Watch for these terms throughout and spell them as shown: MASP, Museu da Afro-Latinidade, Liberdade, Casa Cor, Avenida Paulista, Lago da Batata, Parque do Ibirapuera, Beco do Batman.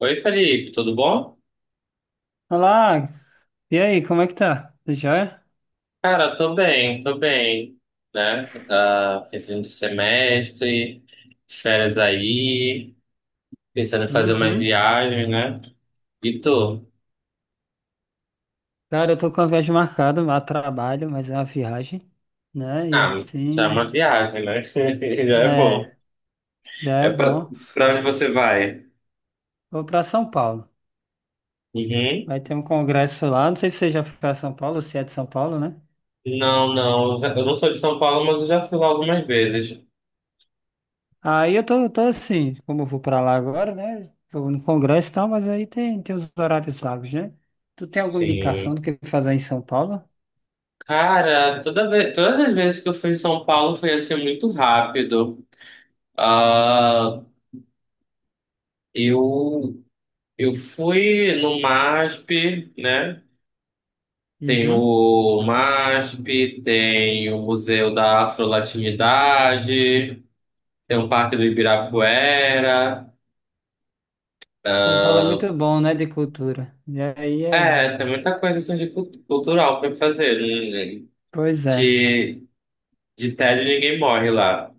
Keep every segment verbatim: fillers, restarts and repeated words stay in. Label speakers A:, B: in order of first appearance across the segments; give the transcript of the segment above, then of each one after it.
A: Oi, Felipe, tudo bom?
B: Olá, e aí, como é que tá? Tudo jóia?
A: Cara, tô bem, tô bem, Né? Ah, finzinho de semestre, férias aí, pensando em fazer umas
B: Uhum.
A: viagens, né? E tu?
B: Cara, eu tô com a viagem marcada, a trabalho, mas é uma viagem, né? E
A: Ah, já é
B: assim,
A: uma viagem, né? Já é bom.
B: é, já
A: É
B: é
A: pra,
B: bom.
A: pra onde você vai?
B: Vou pra São Paulo.
A: Uhum.
B: Vai ter um congresso lá, não sei se você já foi pra São Paulo, se é de São Paulo, né?
A: Não, não, eu já- eu não sou de São Paulo, mas eu já fui lá algumas vezes.
B: Aí eu tô, tô assim, como eu vou pra lá agora, né? Vou no congresso e tal, mas aí tem, tem os horários vagos, né? Tu tem alguma indicação
A: Sim.
B: do que fazer em São Paulo?
A: Cara, toda vez, todas as vezes que eu fui em São Paulo foi assim muito rápido. Ah, eu Eu fui no M A S P, né? Tem
B: Uhum.
A: o M A S P, tem o Museu da Afro-Latinidade, tem o Parque do Ibirapuera.
B: São Paulo é muito bom, né, de cultura. E aí é...
A: É, tem muita coisa assim de cult- cultural para fazer, né?
B: Pois é.
A: De, de tédio ninguém morre lá.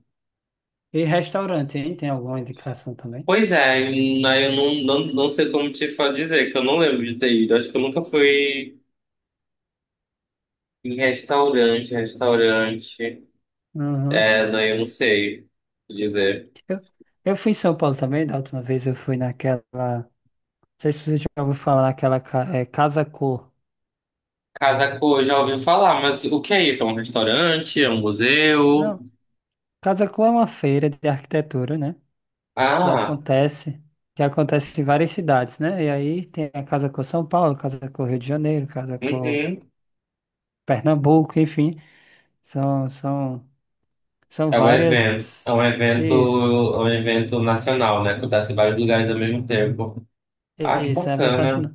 B: E restaurante, hein? Tem alguma indicação também?
A: Pois é, e na- eu não, não, não sei como te fa- dizer, que eu não lembro de ter ido. Acho que eu nunca fui em restaurante, restaurante.
B: Uhum.
A: É, não, eu não sei dizer.
B: Eu, eu fui em São Paulo também, da última vez eu fui naquela. Não sei se você já ouviu falar naquela ca- é, Casa Cor.
A: Casa Cor, já ouvi falar, mas o que é isso? É um restaurante? É um museu?
B: Não, Casa Cor é uma feira de arquitetura, né? Que
A: Ah,
B: acontece, que acontece em várias cidades, né? E aí tem a Casa Cor São Paulo, Casa Cor Rio de Janeiro, Casa Cor
A: uhum.
B: Pernambuco, enfim. São, são, são
A: É um evento. É
B: várias.
A: um evento,
B: Isso,
A: é um evento nacional, né? Acontece em vários lugares ao mesmo tempo. Ah, que
B: isso, é evento
A: bacana.
B: nacional.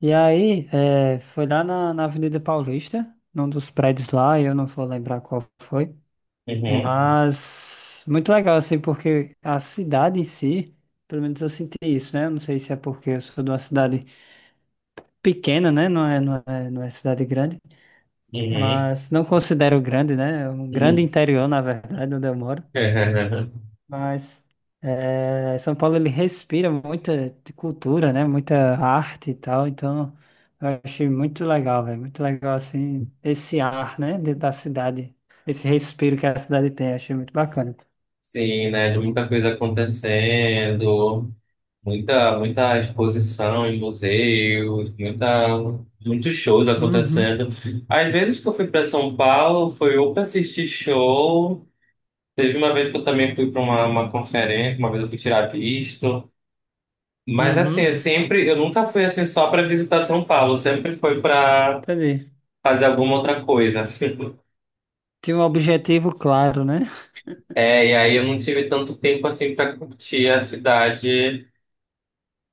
B: E aí, é, foi lá na, na Avenida Paulista, num dos prédios lá, eu não vou lembrar qual foi,
A: Uhum,
B: mas muito legal, assim, porque a cidade em si, pelo menos eu senti isso, né? Eu não sei se é porque eu sou de uma cidade pequena, né? Não é, não é, não é cidade grande,
A: uhum.
B: mas não considero grande, né? É um grande
A: Uhum.
B: interior, na verdade, onde eu moro. Mas é, São Paulo ele respira muita cultura, né? Muita arte e tal. Então eu achei muito legal, velho. Muito legal assim esse ar, né? de- da cidade, esse respiro que a cidade tem. Achei muito bacana.
A: Sim, né? De muita coisa acontecendo, muita, muita exposição em museus, muita, muitos shows
B: Uhum,
A: acontecendo. Às vezes que eu fui para São Paulo, foi ou para assistir show. Teve uma vez que eu também fui para uma, uma conferência, uma vez eu fui tirar visto. Mas assim,
B: uhum,
A: eu sempre, eu nunca fui assim só para visitar São Paulo, eu sempre foi para
B: entendi.
A: fazer alguma outra coisa.
B: Tinha um objetivo claro, né?
A: É, e aí eu não tive tanto tempo assim para curtir a cidade,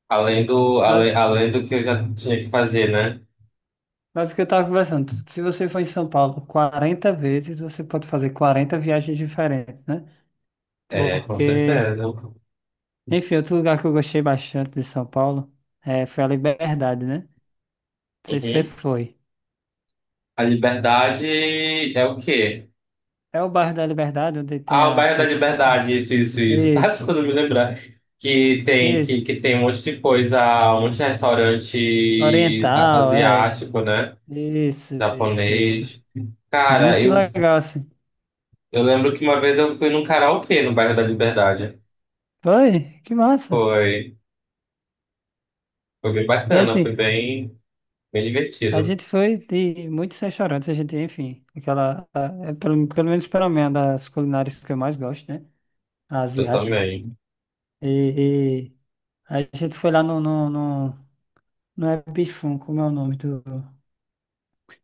A: além do, além,
B: Mas,
A: além do que eu já tinha que fazer, né?
B: mas o que eu tava conversando, se você for em São Paulo quarenta vezes, você pode fazer quarenta viagens diferentes, né?
A: É, com
B: Porque
A: certeza.
B: enfim, outro lugar que eu gostei bastante de São Paulo é, foi a Liberdade, né? Não sei se você
A: Uhum.
B: foi.
A: A liberdade é o quê?
B: É o bairro da Liberdade, onde tem
A: Ah, o
B: a
A: bairro da
B: cultura.
A: Liberdade, isso, isso, isso. Tá
B: Isso,
A: tentando me lembrar que tem, que,
B: isso.
A: que tem um monte de coisa, um monte de restaurante a-
B: Oriental, é.
A: asiático, né?
B: Isso, isso, isso.
A: Japonês. Cara,
B: Muito
A: eu,
B: legal, assim.
A: eu lembro que uma vez eu fui num karaokê no bairro da Liberdade.
B: Foi, que massa.
A: Foi, foi bem
B: E
A: bacana, foi
B: assim,
A: bem, bem
B: a
A: divertido.
B: gente foi de muitos restaurantes, a gente, enfim, aquela. a- é, pelo, pelo menos pela minha, das culinárias que eu mais gosto, né? A
A: Eu
B: asiática.
A: também.
B: E, e a gente foi lá no não é bifum, como é o nome do.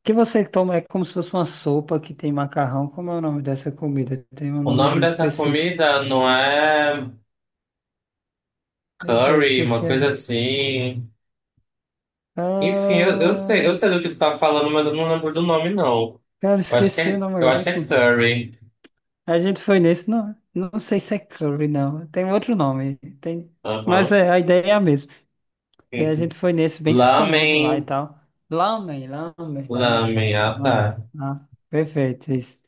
B: Que você toma é como se fosse uma sopa que tem macarrão. Como é o nome dessa comida? Tem um
A: O nome
B: nomezinho
A: dessa
B: específico.
A: comida não é
B: Meu Deus,
A: curry, uma
B: esqueci
A: coisa
B: agora.
A: assim. Enfim, eu, eu sei,
B: Ah,
A: eu sei do que tu tá falando, mas eu não lembro do nome, não.
B: cara,
A: Eu acho que
B: esqueci o
A: é,
B: nome
A: eu
B: agora.
A: acho que é
B: Enfim,
A: curry.
B: a gente foi nesse. Não, não sei se é curry, não. Tem outro nome. Tem... Mas
A: Aham.
B: é, a ideia é a mesma. E a gente foi nesse bem famoso lá e
A: Lamen,
B: tal. Lamen, lamen, lamen.
A: lamen, ah tá.
B: Lamen. Ah, perfeito, isso.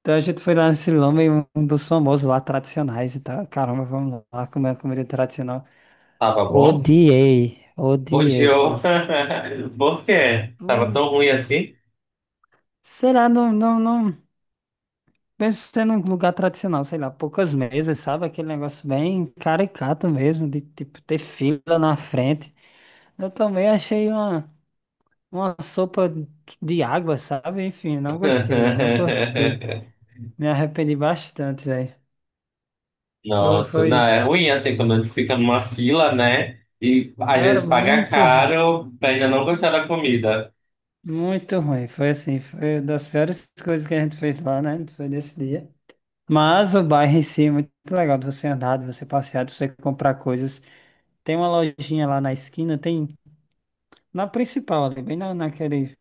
B: Então a gente foi lá no nesse lamen, um um dos famosos lá, tradicionais e tal. Caramba, vamos lá comer uma comida tradicional.
A: Tava bom?
B: Odiei,
A: Odiou.
B: odiei.
A: Por quê? Tava tão ruim
B: Putz,
A: assim?
B: sei lá, não, não, não. Mesmo sendo um lugar tradicional, sei lá, poucas mesas, sabe? Aquele negócio bem caricato mesmo, de tipo ter fila na frente. Eu também achei uma, uma sopa de água, sabe? Enfim, não gostei, velho, não curti. Me arrependi bastante, velho. Foi,
A: Nossa,
B: foi,
A: não, é ruim assim quando a gente fica numa fila, né? E às
B: cara,
A: vezes paga
B: muito.
A: caro pra ainda não gostar da comida.
B: Muito ruim, foi assim, foi uma das piores coisas que a gente fez lá, né? Foi nesse dia. Mas o bairro em si é muito legal de você andar, de você passear, de você comprar coisas. Tem uma lojinha lá na esquina, tem na principal ali, bem na, naquele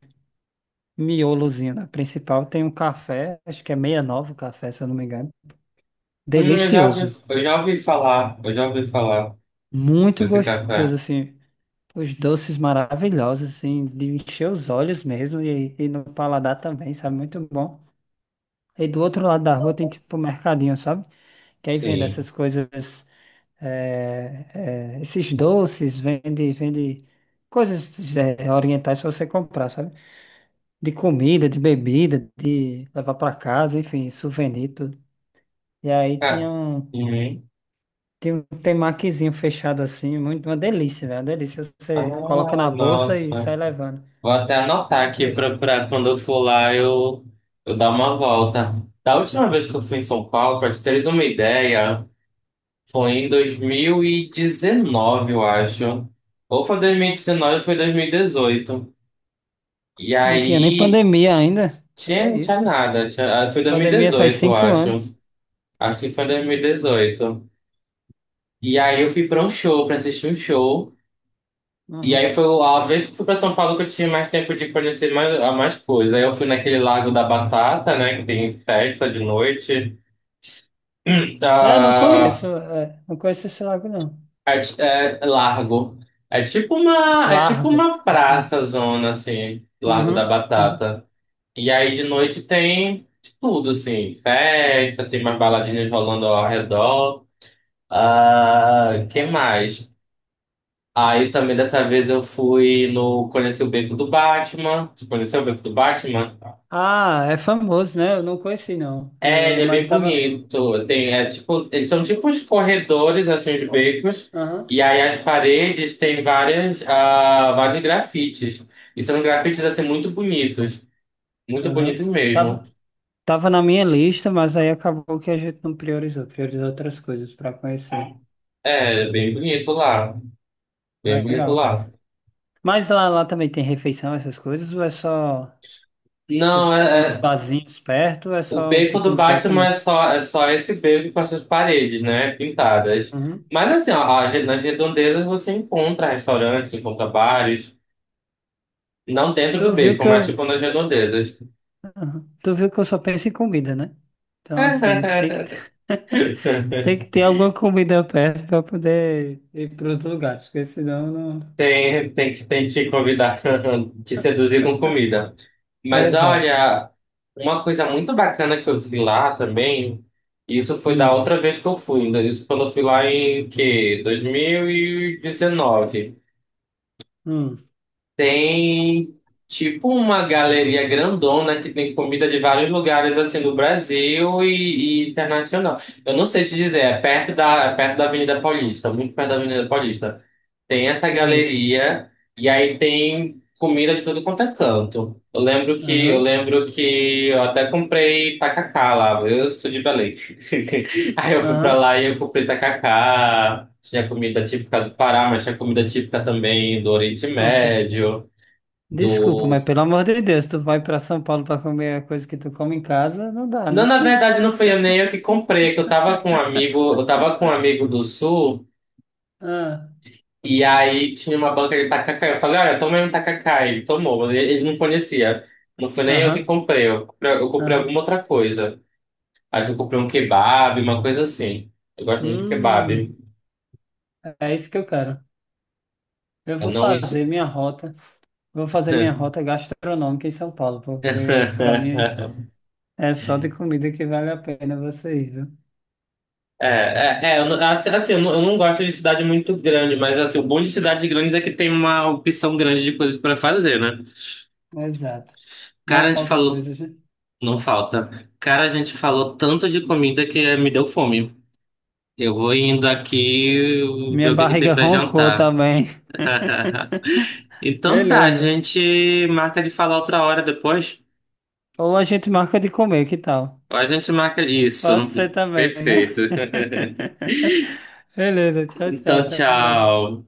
B: miolozinho na principal, tem um café, acho que é sessenta e nove o café, se eu não me engano.
A: Hum, eu já ouvi,
B: Delicioso,
A: eu já ouvi falar, eu já ouvi falar
B: muito
A: desse
B: gostoso,
A: café.
B: assim. Os doces maravilhosos, assim, de encher os olhos mesmo e, e no paladar também, sabe? Muito bom. E do outro lado da rua tem tipo um mercadinho, sabe? Que aí vende
A: Sim.
B: essas coisas, é, é, esses doces, vende, vende coisas, é, orientais para você comprar, sabe? De comida, de bebida, de levar para casa, enfim, souvenir, tudo. E aí
A: Ca-
B: tinha um,
A: Uhum.
B: tinha um temakizinho fechado assim, muito, uma delícia, velho, uma delícia. Você coloca
A: Ah,
B: na bolsa e
A: nossa.
B: sai levando.
A: Vou até anotar
B: Muito
A: aqui pra,
B: gostoso.
A: pra quando eu for lá eu, eu dar uma volta. Da última vez que eu fui em São Paulo, pra te teres uma ideia, foi em dois mil e dezenove, eu acho. Ou foi dois mil e dezenove ou foi dois mil E dezoito e
B: Não tinha nem
A: aí
B: pandemia ainda, que
A: tinha,
B: é
A: não tinha
B: isso.
A: nada. Tinha, ah, foi dois mil e
B: Pandemia faz
A: dezoito eu
B: cinco
A: acho.
B: anos.
A: Acho que foi dois mil e dezoito. E dezoito. E aí eu fui pra um show, pra assistir um show. E aí
B: Uhum.
A: foi a vez que eu fui pra São Paulo que eu tinha mais tempo de conhecer mais, a mais coisas. Aí eu fui naquele Lago da Batata, né? Que tem festa de noite.
B: Eu não conheço,
A: Ah,
B: é, não conheço esse lago, não.
A: é, ti- é largo. É tipo uma, é tipo
B: Largo.
A: uma
B: Assim.
A: praça zona, assim, Lago da
B: Uhum, uhum.
A: Batata. E aí de noite tem de tudo, assim, festa, tem umas baladinhas rolando ao redor. Ah, que mais? Aí também dessa vez eu fui no. Conheci o Beco do Batman. Tu conheceu o Beco do Batman?
B: Ah, é famoso, né? Eu não conheci, não.
A: É, ele
B: Eu-
A: é
B: mas
A: bem
B: estava.
A: bonito. Tem, é, tipo, eles são tipo os corredores, assim, os becos.
B: Aham,
A: E aí as paredes têm várias, ah, vários grafites. E são grafites, assim, muito bonitos. Muito
B: aham.
A: bonitos mesmo.
B: Tava, tava na minha lista, mas aí acabou que a gente não priorizou. Priorizou outras coisas para conhecer.
A: É, bem bonito lá. Bem bonito
B: Legal.
A: lá.
B: Mas lá, lá também tem refeição, essas coisas? Ou é só. Tipo,
A: Não, é,
B: tem uns
A: é-
B: barzinhos perto? Ou é
A: o
B: só,
A: beco
B: tipo,
A: do
B: um beco
A: Batman é
B: mesmo?
A: só, é só esse beco com as suas paredes, né? Pintadas.
B: Uhum.
A: Mas assim, ó, a re- nas redondezas você encontra restaurantes, encontra bares. Não dentro
B: Tu
A: do
B: viu
A: beco,
B: que
A: mas
B: eu,
A: tipo nas redondezas.
B: uhum. Tu viu que eu só penso em comida, né? Então, assim,
A: É,
B: tem que tem que ter alguma comida perto para poder ir para outro lugar, porque senão não.
A: Tem, tem que tem que te convidar, te seduzir com comida.
B: É
A: Mas
B: exato.
A: olha, uma coisa muito bacana que eu vi lá também, isso foi da
B: Hum,
A: outra vez que eu fui, ainda- isso quando eu fui lá em que? dois mil e dezenove.
B: hum,
A: Tem tipo uma galeria grandona que tem comida de vários lugares assim do Brasil e, e internacional. Eu não sei te dizer, é perto da, é perto da Avenida Paulista, muito perto da Avenida Paulista. Tem essa
B: sei.
A: galeria e aí tem comida de tudo quanto é canto. Eu lembro que eu
B: Aham,
A: lembro que eu até comprei tacacá lá. Eu sou de Belém. Aí eu fui pra
B: aham.
A: lá e eu comprei tacacá, tinha comida típica do Pará, mas tinha comida típica também do Oriente
B: Não, pe-
A: Médio,
B: desculpa, mas
A: do...
B: pelo amor de Deus, tu vai para São Paulo para comer a coisa que tu come em casa, não dá,
A: Não,
B: né?
A: na verdade não foi eu nem eu que comprei, é que eu tava com um amigo, eu tava com um amigo do Sul,
B: Ah,
A: e aí tinha uma banca de tacacá, eu falei, olha, tomei um tacacá, ele tomou, mas ele ele não conhecia. Não foi nem eu que
B: aham,
A: comprei, eu comprei, eu comprei
B: aham.
A: alguma outra coisa. Acho que eu comprei um kebab, uma coisa assim. Eu gosto muito de
B: Hum,
A: kebab.
B: é isso que eu quero. Eu
A: Eu
B: vou
A: não...
B: fazer minha rota, vou fazer minha rota gastronômica em São Paulo, porque para mim é só de comida que vale a pena você ir, viu?
A: É, é, é, eu não- assim, assim, eu não, eu não gosto de cidade muito grande, mas assim, o bom de cidades grandes é que tem uma opção grande de coisas pra fazer, né?
B: Exato. Não
A: Cara, a gente
B: falta
A: falou,
B: coisas, né?
A: não falta. Cara, a gente falou tanto de comida que eh, me deu fome. Eu vou indo aqui ver
B: Minha
A: o que que tem
B: barriga
A: pra
B: roncou
A: jantar.
B: também.
A: Então tá, a
B: Beleza.
A: gente marca de falar outra hora depois.
B: Ou a gente marca de comer, que tal?
A: Ou a gente marca isso.
B: Pode ser também, né?
A: Perfeito.
B: Beleza, tchau, tchau.
A: Então,
B: Até a próxima.
A: tchau.